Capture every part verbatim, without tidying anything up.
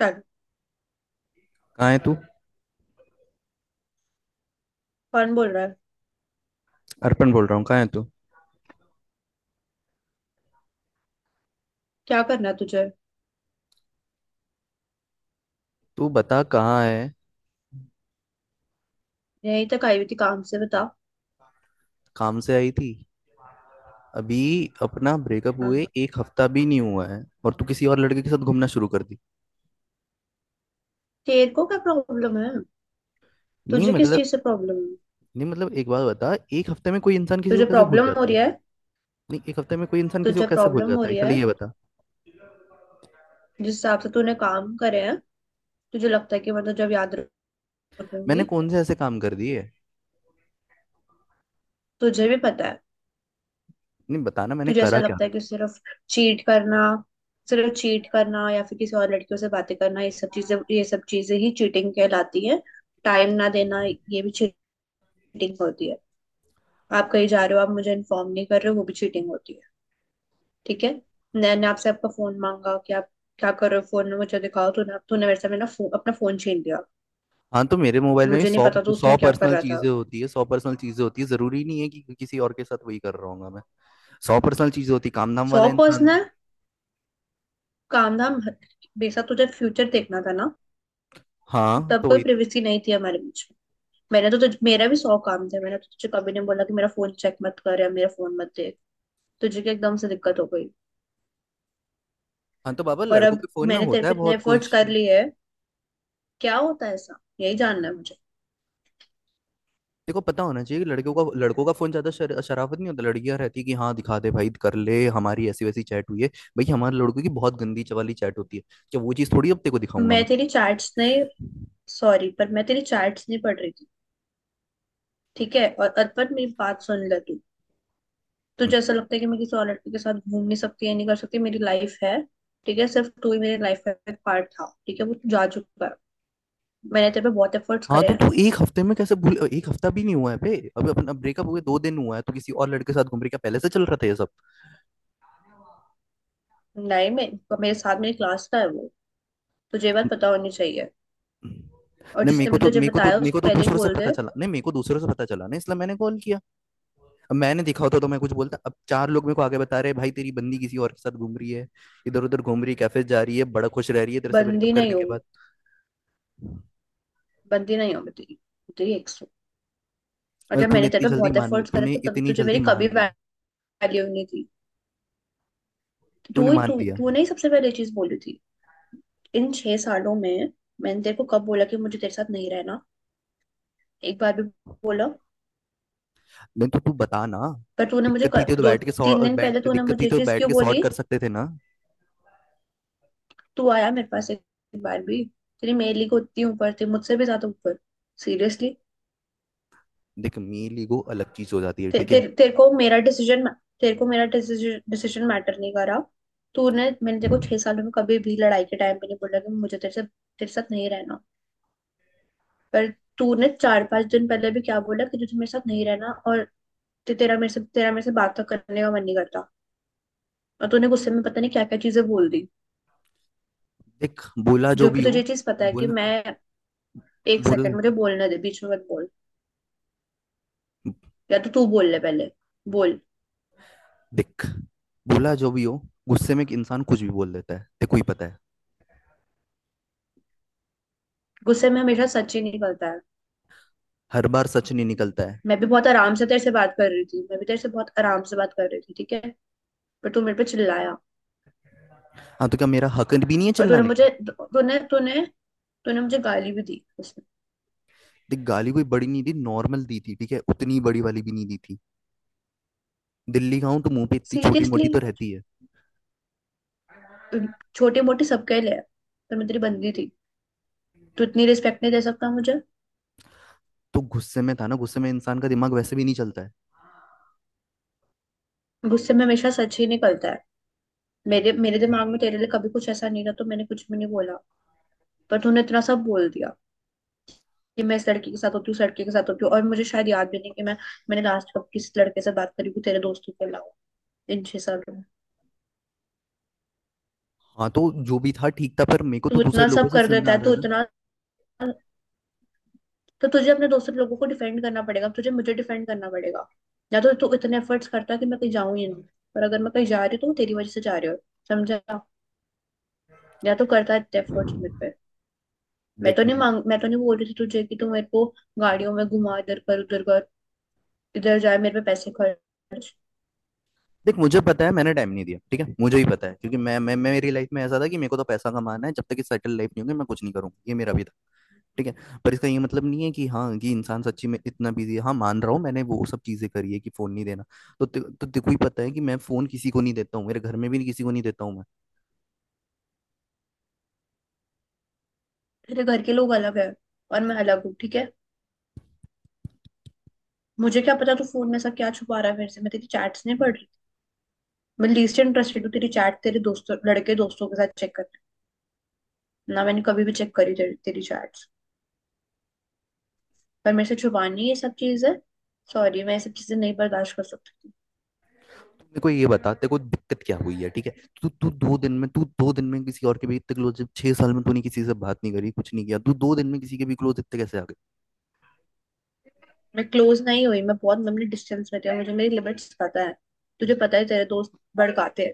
चल। कहाँ है तू? कौन बोल रहा है? अर्पण बोल रहा हूँ। कहाँ है तू? क्या करना है तुझे? तू बता, कहाँ है? यही तक आई हुई थी काम से। बता। काम से आई थी? अभी। अपना ब्रेकअप हाँ, हुए एक हफ्ता भी नहीं हुआ है और तू किसी और लड़के के साथ घूमना शुरू कर दी। तेरे को क्या प्रॉब्लम है? नहीं तुझे किस मतलब। चीज से प्रॉब्लम है? नहीं मतलब, एक बात बता, एक हफ्ते में कोई इंसान किसी को तुझे कैसे भूल प्रॉब्लम हो जाता है? रही है? नहीं, एक हफ्ते में कोई इंसान किसी को तुझे कैसे भूल प्रॉब्लम हो जाता है, रही है? पहले ये बता। जिस हिसाब से तूने काम करे हैं, तुझे लगता है कि मैं तो जब याद मैंने रखूंगी। कौन से ऐसे काम कर दिए? तुझे भी पता है। नहीं बताना, मैंने तुझे ऐसा करा क्या? लगता है कि सिर्फ चीट करना, सिर्फ चीट करना या फिर किसी और लड़कियों से बातें करना, ये सब चीजें, ये सब चीजें ही चीटिंग कहलाती है। टाइम ना देना, ये भी चीटिंग होती है। आप कहीं जा रहे हो, आप मुझे इन्फॉर्म नहीं कर रहे हो, वो भी चीटिंग होती है। ठीक है। मैंने आपसे आपका फोन मांगा कि आप क्या कर रहे हो फोन में, मुझे दिखाओ। तूने तूने मेरे से मेरा फो, अपना फोन छीन लिया। हाँ तो मेरे मोबाइल में भी मुझे नहीं सौ पता तो सौ उसमें क्या कर पर्सनल रहा था। चीजें होती है, सौ पर्सनल चीजें होती है, जरूरी नहीं है कि किसी और के साथ वही कर रहा हूँ मैं। सौ पर्सनल चीजें होती, काम धाम सौ वाला इंसान हूँ। पर्सनल, काम धाम। बेसा तुझे फ्यूचर देखना था ना। हाँ तब तो कोई वही। प्रिवेसी नहीं थी हमारे बीच में। मैंने तो तुझ मेरा भी सौ काम थे। मैंने तो तुझे कभी नहीं बोला कि मेरा फोन चेक मत कर या मेरा फोन मत देख। तुझे क्या एकदम से दिक्कत हो गई? हाँ तो बाबा, और लड़कों अब के फोन में मैंने तेरे होता है पे इतने बहुत एफर्ट्स कुछ। कर लिए हैं। क्या होता है ऐसा, यही जानना है मुझे। देखो, पता होना चाहिए कि लड़कियों का लड़कों का फोन ज्यादा शर, शराफत नहीं होता। लड़कियां रहती कि हाँ दिखा दे भाई कर ले, हमारी ऐसी वैसी चैट हुई है। भाई हमारे लड़कों की बहुत गंदी च- वाली चैट होती है। क्या वो चीज थोड़ी अब तेरे को दिखाऊंगा मैं? मैं तेरी चैट्स नहीं सॉरी पर मैं तेरी चैट्स नहीं पढ़ रही थी। ठीक है, और अर्पण, मेरी बात सुन ले तू। हम्म। तुझे ऐसा लगता है कि मैं किसी और लड़के के साथ घूम नहीं सकती या नहीं कर सकती? मेरी लाइफ है। ठीक है, सिर्फ तू ही मेरी लाइफ का एक पार्ट था। ठीक है, वो तू जा चुका है। मैंने तेरे पे बहुत एफर्ट्स हाँ करे तो हैं। तू एक हफ्ते में कैसे भूल, एक हफ्ता भी नहीं हुआ है बे, अभी अपना ब्रेकअप हुए दो दिन हुआ है, तो किसी और लड़के के साथ घूम रही क्या? पहले से चल रहा था ये सब? नहीं, मैं मेरे साथ मेरी क्लास का है वो। तुझे ये बात पता होनी चाहिए। और नहीं मेरे जिसने को भी तो तुझे मेरे को तो बताया, मेरे उसको को तो पहले ही दूसरों से बोल पता दे। चला, नहीं मेरे को दूसरों से पता चला ना, इसलिए मैंने कॉल किया। अब मैंने देखा होता तो मैं कुछ बोलता, अब चार लोग मेरे को आगे बता रहे हैं भाई तेरी बंदी किसी और के साथ घूम रही है, इधर उधर घूम रही है, कैफे जा रही है, बड़ा खुश रह रही है तेरे से ब्रेकअप बंदी करने नहीं के हूँ। बाद। बंदी नहीं हूँ मैं तेरी तेरी ex हूँ। और और जब तूने मैंने इतनी तेरे पे जल्दी बहुत मान लिया, एफर्ट्स करे तूने थे, तब इतनी तुझे जल्दी मेरी कभी मान लिया, वैल्यू नहीं थी। तूने तू ही मान तू लिया। तूने ही सबसे पहले ये चीज बोली थी। इन छह सालों में मैंने तेरे को कब बोला कि मुझे तेरे साथ नहीं रहना? एक बार भी बोला? नहीं तो तू बता ना, पर तूने मुझे दिक्कत थी क- तो दो बैठ के तीन सॉ- दिन पहले बैठ तूने दिक्कत थी मुझे ये तो चीज बैठ क्यों के सॉर्ट बोली? कर सकते थे ना। तू आया मेरे पास एक बार भी? तेरी मेरे को उतनी ऊपर थी, मुझसे भी ज्यादा ऊपर। सीरियसली। देख, मेल ईगो अलग चीज हो जाती है, ते, ठीक ते, है। तेरे को मेरा डिसीजन तेरे को मेरा डिसीजन डिसीजन मैटर नहीं करा। तूने मैंने तेरे को छह सालों में कभी भी लड़ाई के टाइम पे नहीं बोला कि मुझे तेरे से तेरे साथ नहीं रहना। पर तूने चार पांच दिन पहले भी क्या बोला कि तुझे मेरे साथ नहीं रहना। और ते तेरा मेरे से तेरा मेरे से बात तक करने का मन नहीं करता। और तूने गुस्से में पता नहीं क्या क्या चीजें बोल दी। देख, बोला जो जो भी कि हो। तुझे चीज पता है कि बोला। मैं। एक बोला। सेकंड, मुझे बोलने दे, बीच में मत बोल। या तो तू बोल ले पहले। बोल। देख, बोला जो भी हो, गुस्से में एक इंसान कुछ भी बोल देता है, देखो ही पता है। गुस्से में हमेशा सच ही निकलता है। हर बार सच नहीं निकलता है। मैं भी बहुत आराम से तेरे से बात कर रही थी, मैं भी तेरे से बहुत आराम से बात कर रही थी, ठीक है। पर तू मेरे पे चिल्लाया। हाँ तो क्या मेरा हक भी नहीं है और तूने चिल्लाने का? मुझे तूने तूने तूने मुझे गाली भी दी उसमें। देख, गाली कोई बड़ी नहीं दी, नॉर्मल दी थी, ठीक है, उतनी बड़ी वाली भी नहीं दी थी। दिल्ली का हूं तो मुंह पे इतनी छोटी मोटी सीरियसली। तो रहती है। छोटी मोटी सबके लिए है, पर मैं तेरी बंदी थी। तू इतनी रिस्पेक्ट नहीं दे सकता मुझे? तो गुस्से में था ना, गुस्से में इंसान का दिमाग वैसे भी नहीं चलता है। गुस्से में हमेशा सच ही निकलता है। मेरे मेरे दिमाग में तेरे लिए कभी कुछ ऐसा नहीं था, तो मैंने कुछ भी नहीं बोला। पर तूने इतना सब बोल दिया कि मैं इस लड़की के साथ होती हूँ, इस लड़के के साथ होती हूँ, और मुझे शायद याद भी नहीं कि मैं मैंने लास्ट कब किस लड़के से बात करी थी तेरे दोस्तों के अलावा, इन छह सालों में। हाँ तो जो भी था ठीक था, पर मेरे को तो तू दूसरे इतना लोगों सब से कर सुनना देता आ है। तू रहा है इतना तो तुझे अपने दोस्तों लोगों को डिफेंड करना पड़ेगा, तुझे मुझे डिफेंड करना पड़ेगा। या तो तू इतने एफर्ट्स करता है कि मैं कहीं जाऊं ही ना, पर अगर मैं कहीं जा रही हूँ तो वो तेरी वजह से जा रही हो। समझा? या तो करता है इतने ना। एफर्ट्स मेरे पे। मैं तो देख नहीं मैं, मांग मैं तो नहीं बोल रही थी तुझे कि तू मेरे को गाड़ियों में घुमा, इधर कर उधर कर, इधर जाए, मेरे पे पैसे खर्च। देख मुझे पता है मैंने टाइम नहीं दिया, ठीक है, मुझे ही पता है, क्योंकि मैं मैं मैं मेरी लाइफ में ऐसा था कि मेरे को तो पैसा कमाना है, जब तक कि सेटल लाइफ नहीं होगी मैं कुछ नहीं करूंगा, ये मेरा भी था। ठीक है। पर इसका ये मतलब नहीं है कि हाँ कि इंसान सच्ची में इतना बिजी है, हाँ मान रहा हूँ मैंने वो सब चीजें करी है कि फोन नहीं देना। तो ते, तो तेको ही पता है कि मैं फोन किसी को नहीं देता हूँ, मेरे घर में भी नहीं, किसी को नहीं देता हूँ मैं। तेरे घर के लोग अलग है और मैं अलग हूँ, ठीक है। मुझे क्या पता तू फोन में ऐसा क्या छुपा रहा है मेरे से। मैं तेरी चैट्स नहीं पढ़ तू रही। मैं लीस्ट इंटरेस्टेड हूँ तेरी चैट तेरे दोस्तों, लड़के दोस्तों के साथ चेक करना। ना मैंने कभी भी चेक करी तेरी, तेरी चैट्स। पर मेरे से छुपानी ये सब चीज है। सॉरी, मैं ये सब चीजें नहीं बर्दाश्त कर सकती। मेरे को ये बता तेरे को दिक्कत क्या हुई है, ठीक है? तू तू दो दिन में, तू दो दिन में किसी और के भी इतने क्लोज, जब छह साल में तूने किसी से बात नहीं करी कुछ नहीं किया, तू दो दिन में किसी के भी क्लोज इतने कैसे आ? मैं क्लोज नहीं हुई, मैं बहुत लंबी डिस्टेंस में थी, और मुझे मेरी लिमिट्स पता है। तुझे पता है तेरे दोस्त भड़काते हैं।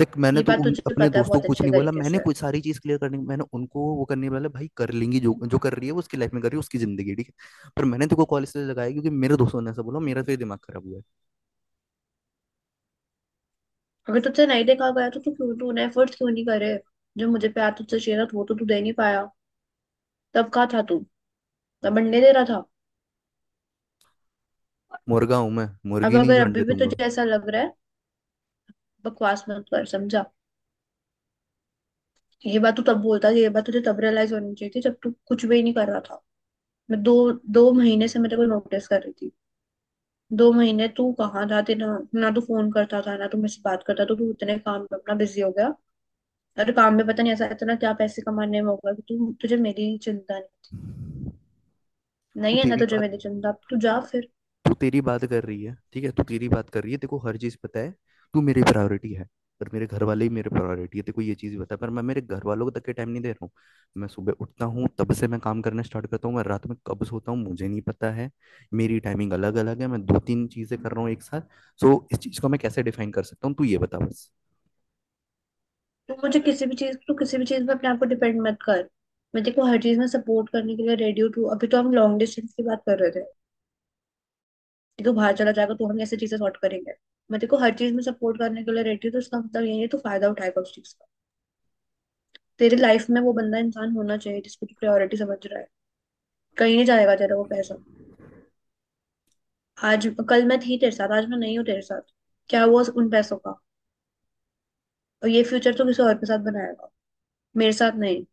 देख, मैंने ये तो बात उन तुझे अपने पता है दोस्तों बहुत को कुछ अच्छे नहीं बोला, तरीके मैंने से। कुछ सारी चीज क्लियर करने, मैंने उनको वो करने वाला भाई कर लेंगी जो जो कर रही है वो उसकी लाइफ में कर रही है, उसकी जिंदगी है, ठीक है, पर मैंने तेको कॉल इसलिए लगाया क्योंकि मेरे दोस्तों ने ऐसा बोला, मेरा तो ये दिमाग खराब हुआ है। अगर तुझसे नहीं देखा गया तो तू क्यों तूने एफर्ट्स क्यों नहीं करे? जो मुझे प्यार तुझसे चाहिए था, तो वो तो तू दे नहीं पाया। तब कहाँ था तू? तब बनने दे रहा था। मुर्गा हूं मैं, अब मुर्गी नहीं अगर जो अभी अंडे भी दूंगा। तुझे ऐसा लग रहा है, बकवास मत कर। समझा? ये बात तू तब बोलता था, ये बात तुझे तब रियलाइज होनी चाहिए थी जब तू कुछ भी नहीं कर रहा था। मैं दो दो महीने से मैं तेरे को नोटिस कर रही थी। दो महीने तू कहाँ था? तेरा ना तू फोन करता था ना तू मुझसे बात करता। तो तू इतने काम में अपना बिजी हो गया। और काम में पता नहीं ऐसा इतना क्या पैसे कमाने में होगा कि तू तुझे मेरी चिंता नहीं। तू नहीं है ना तेरी तुझे बात, मेरी चिंता? अब तू जा फिर। तू तेरी बात कर रही है, ठीक है, तू तेरी बात कर रही है तेरे को हर चीज पता है। तू मेरी प्रायोरिटी है। पर मेरे घर वाले ही मेरे प्रायोरिटी है, तेरे को ये चीज पता है, पर मैं मेरे घर वालों को तक के टाइम नहीं दे रहा हूँ। मैं सुबह उठता हूँ तब से मैं काम करना स्टार्ट करता हूँ, मैं रात में कब सोता हूँ मुझे नहीं पता है। मेरी टाइमिंग अलग अलग है, मैं दो तीन चीजें कर रहा हूँ एक साथ। सो इस चीज को मैं कैसे डिफाइन कर सकता हूँ, तू ये बता बस। तो मुझे किसी भी चीज तो किसी भी चीज में अपने आप को डिपेंड मत कर। मैं देखो हर चीज में सपोर्ट करने के लिए रेडियो टू, अभी तो हम लॉन्ग डिस्टेंस की बात कर रहे थे। कि तू बाहर चला जाएगा तो हम ऐसी चीजें सॉर्ट करेंगे। मैं देखो हर चीज में सपोर्ट करने के लिए रेडी हूँ, तो उसका मतलब यही है तो फायदा उठाएगा उस चीज का? तेरी लाइफ में वो बंदा इंसान होना चाहिए जिसको तू प्रायोरिटी समझ रहा है। कहीं नहीं जाएगा तेरा वो पैसा। आज कल मैं थी तेरे साथ, आज मैं नहीं हूँ तेरे साथ। क्या हुआ उस- उन पैसों का? और ये फ्यूचर तो किसी और के साथ बनाएगा, मेरे साथ नहीं।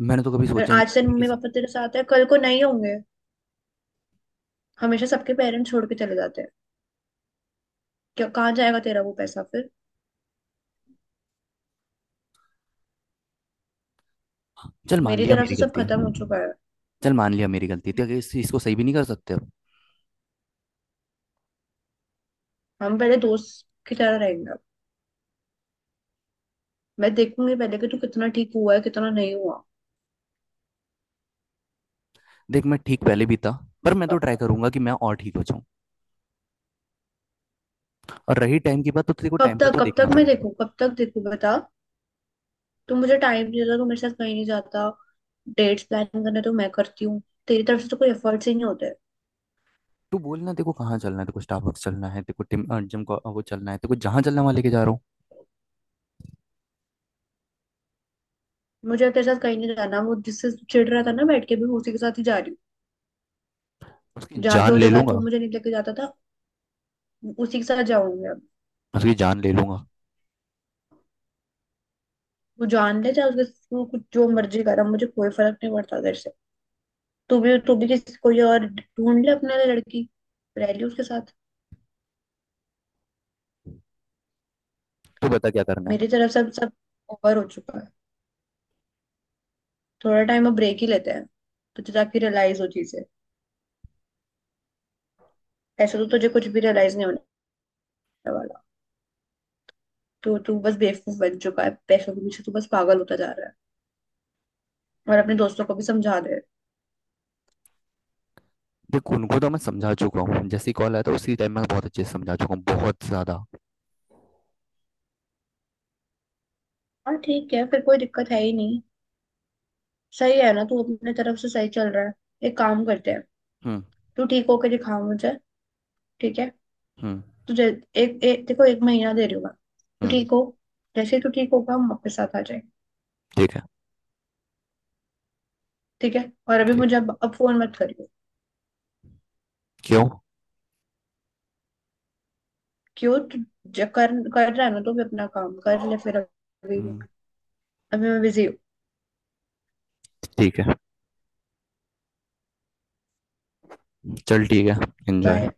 मैंने तो कभी और सोचा ही नहीं था आज कि तेरे मैं मम्मी किस। पापा तेरे साथ है, कल को नहीं होंगे। हमेशा सबके पेरेंट्स छोड़ के चले जाते हैं। क्या, कहाँ जाएगा तेरा वो पैसा फिर? चल मान मेरी लिया तरफ मेरी से सब गलती है। खत्म हो चुका है। चल मान लिया मेरी गलती है, तो क्या इस चीज को सही भी नहीं कर सकते अब? हम पहले दोस्त की तरह रहेंगे अब। मैं देखूंगी पहले कि तू कितना ठीक हुआ है कितना नहीं हुआ। देख मैं ठीक पहले भी था, पर मैं तो ट्राई करूंगा कि मैं और ठीक हो जाऊं। और रही टाइम की बात तो तेरे को कब टाइम का तक, तो कब देखना तक मैं पड़ेगा। देखूं? कब तक देखूं? बता। तू मुझे टाइम नहीं देता, तू मेरे साथ कहीं नहीं जाता। डेट्स प्लान करना तो मैं करती हूँ। तेरी तरफ से तो कोई एफर्ट्स ही नहीं होते। तू बोलना तेरे को कहाँ चलना है, तेरे को स्टारबक्स चलना है, तेरे को टिम अ, जिम को वो चलना है, तेरे को जहाँ चलना है वहाँ लेके जा रहा हूँ। मुझे तेरे साथ कहीं नहीं जाना, वो जिससे तू चिढ़ रहा था ना, बैठ के भी उसी के साथ ही जा रही हूँ। उसकी जहाँ जान जो ले जगह तू लूंगा। मुझे नहीं लेके जाता था, उसी के साथ जाऊंगी अब। उसकी जान ले लूंगा। वो जान ले चाहे उसके। तू कुछ जो मर्जी करा, मुझे कोई फर्क नहीं पड़ता तेरे से। तू भी तू भी किसी कोई और ढूंढ ले अपने लिए लड़की। रह ली उसके साथ। तू बता क्या करना मेरी है। तरफ से अब सब ओवर हो चुका है। थोड़ा टाइम अब ब्रेक ही लेते हैं। तुझे ताकि रियलाइज हो चीजें। ऐसे तो तुझे कुछ भी रियलाइज नहीं होने वाला। तू तू बस बेवकूफ बन चुका है पैसों के पीछे, तू बस पागल होता जा रहा है। और अपने दोस्तों को भी समझा दे। देख उनको तो मैं समझा चुका हूँ, जैसे कॉल आया था उसी टाइम मैं बहुत अच्छे से समझा चुका हूँ, बहुत ज्यादा। हाँ, ठीक है, फिर कोई दिक्कत है ही नहीं। सही है ना? तू अपने तरफ से सही चल रहा है। एक काम करते हैं। हम्म। तू ठीक होकर दिखा मुझे। ठीक है। हम्म। तो जै, एक, एक देखो, एक महीना दे रही हूँ मैं। तो हम्म। ठीक हो। जैसे ही तू ठीक होगा, हम वापस साथ आ जाए। ठीक है। ठीक है। और अभी ठीक। मुझे अब अब फोन मत करियो। क्यों? क्यों? तू ज- कर कर रहा है ना तो भी अपना काम कर ले फिर अभी। हम्म, अभी मैं बिजी हूँ। ठीक है। चल ठीक है। एंजॉय। बाय।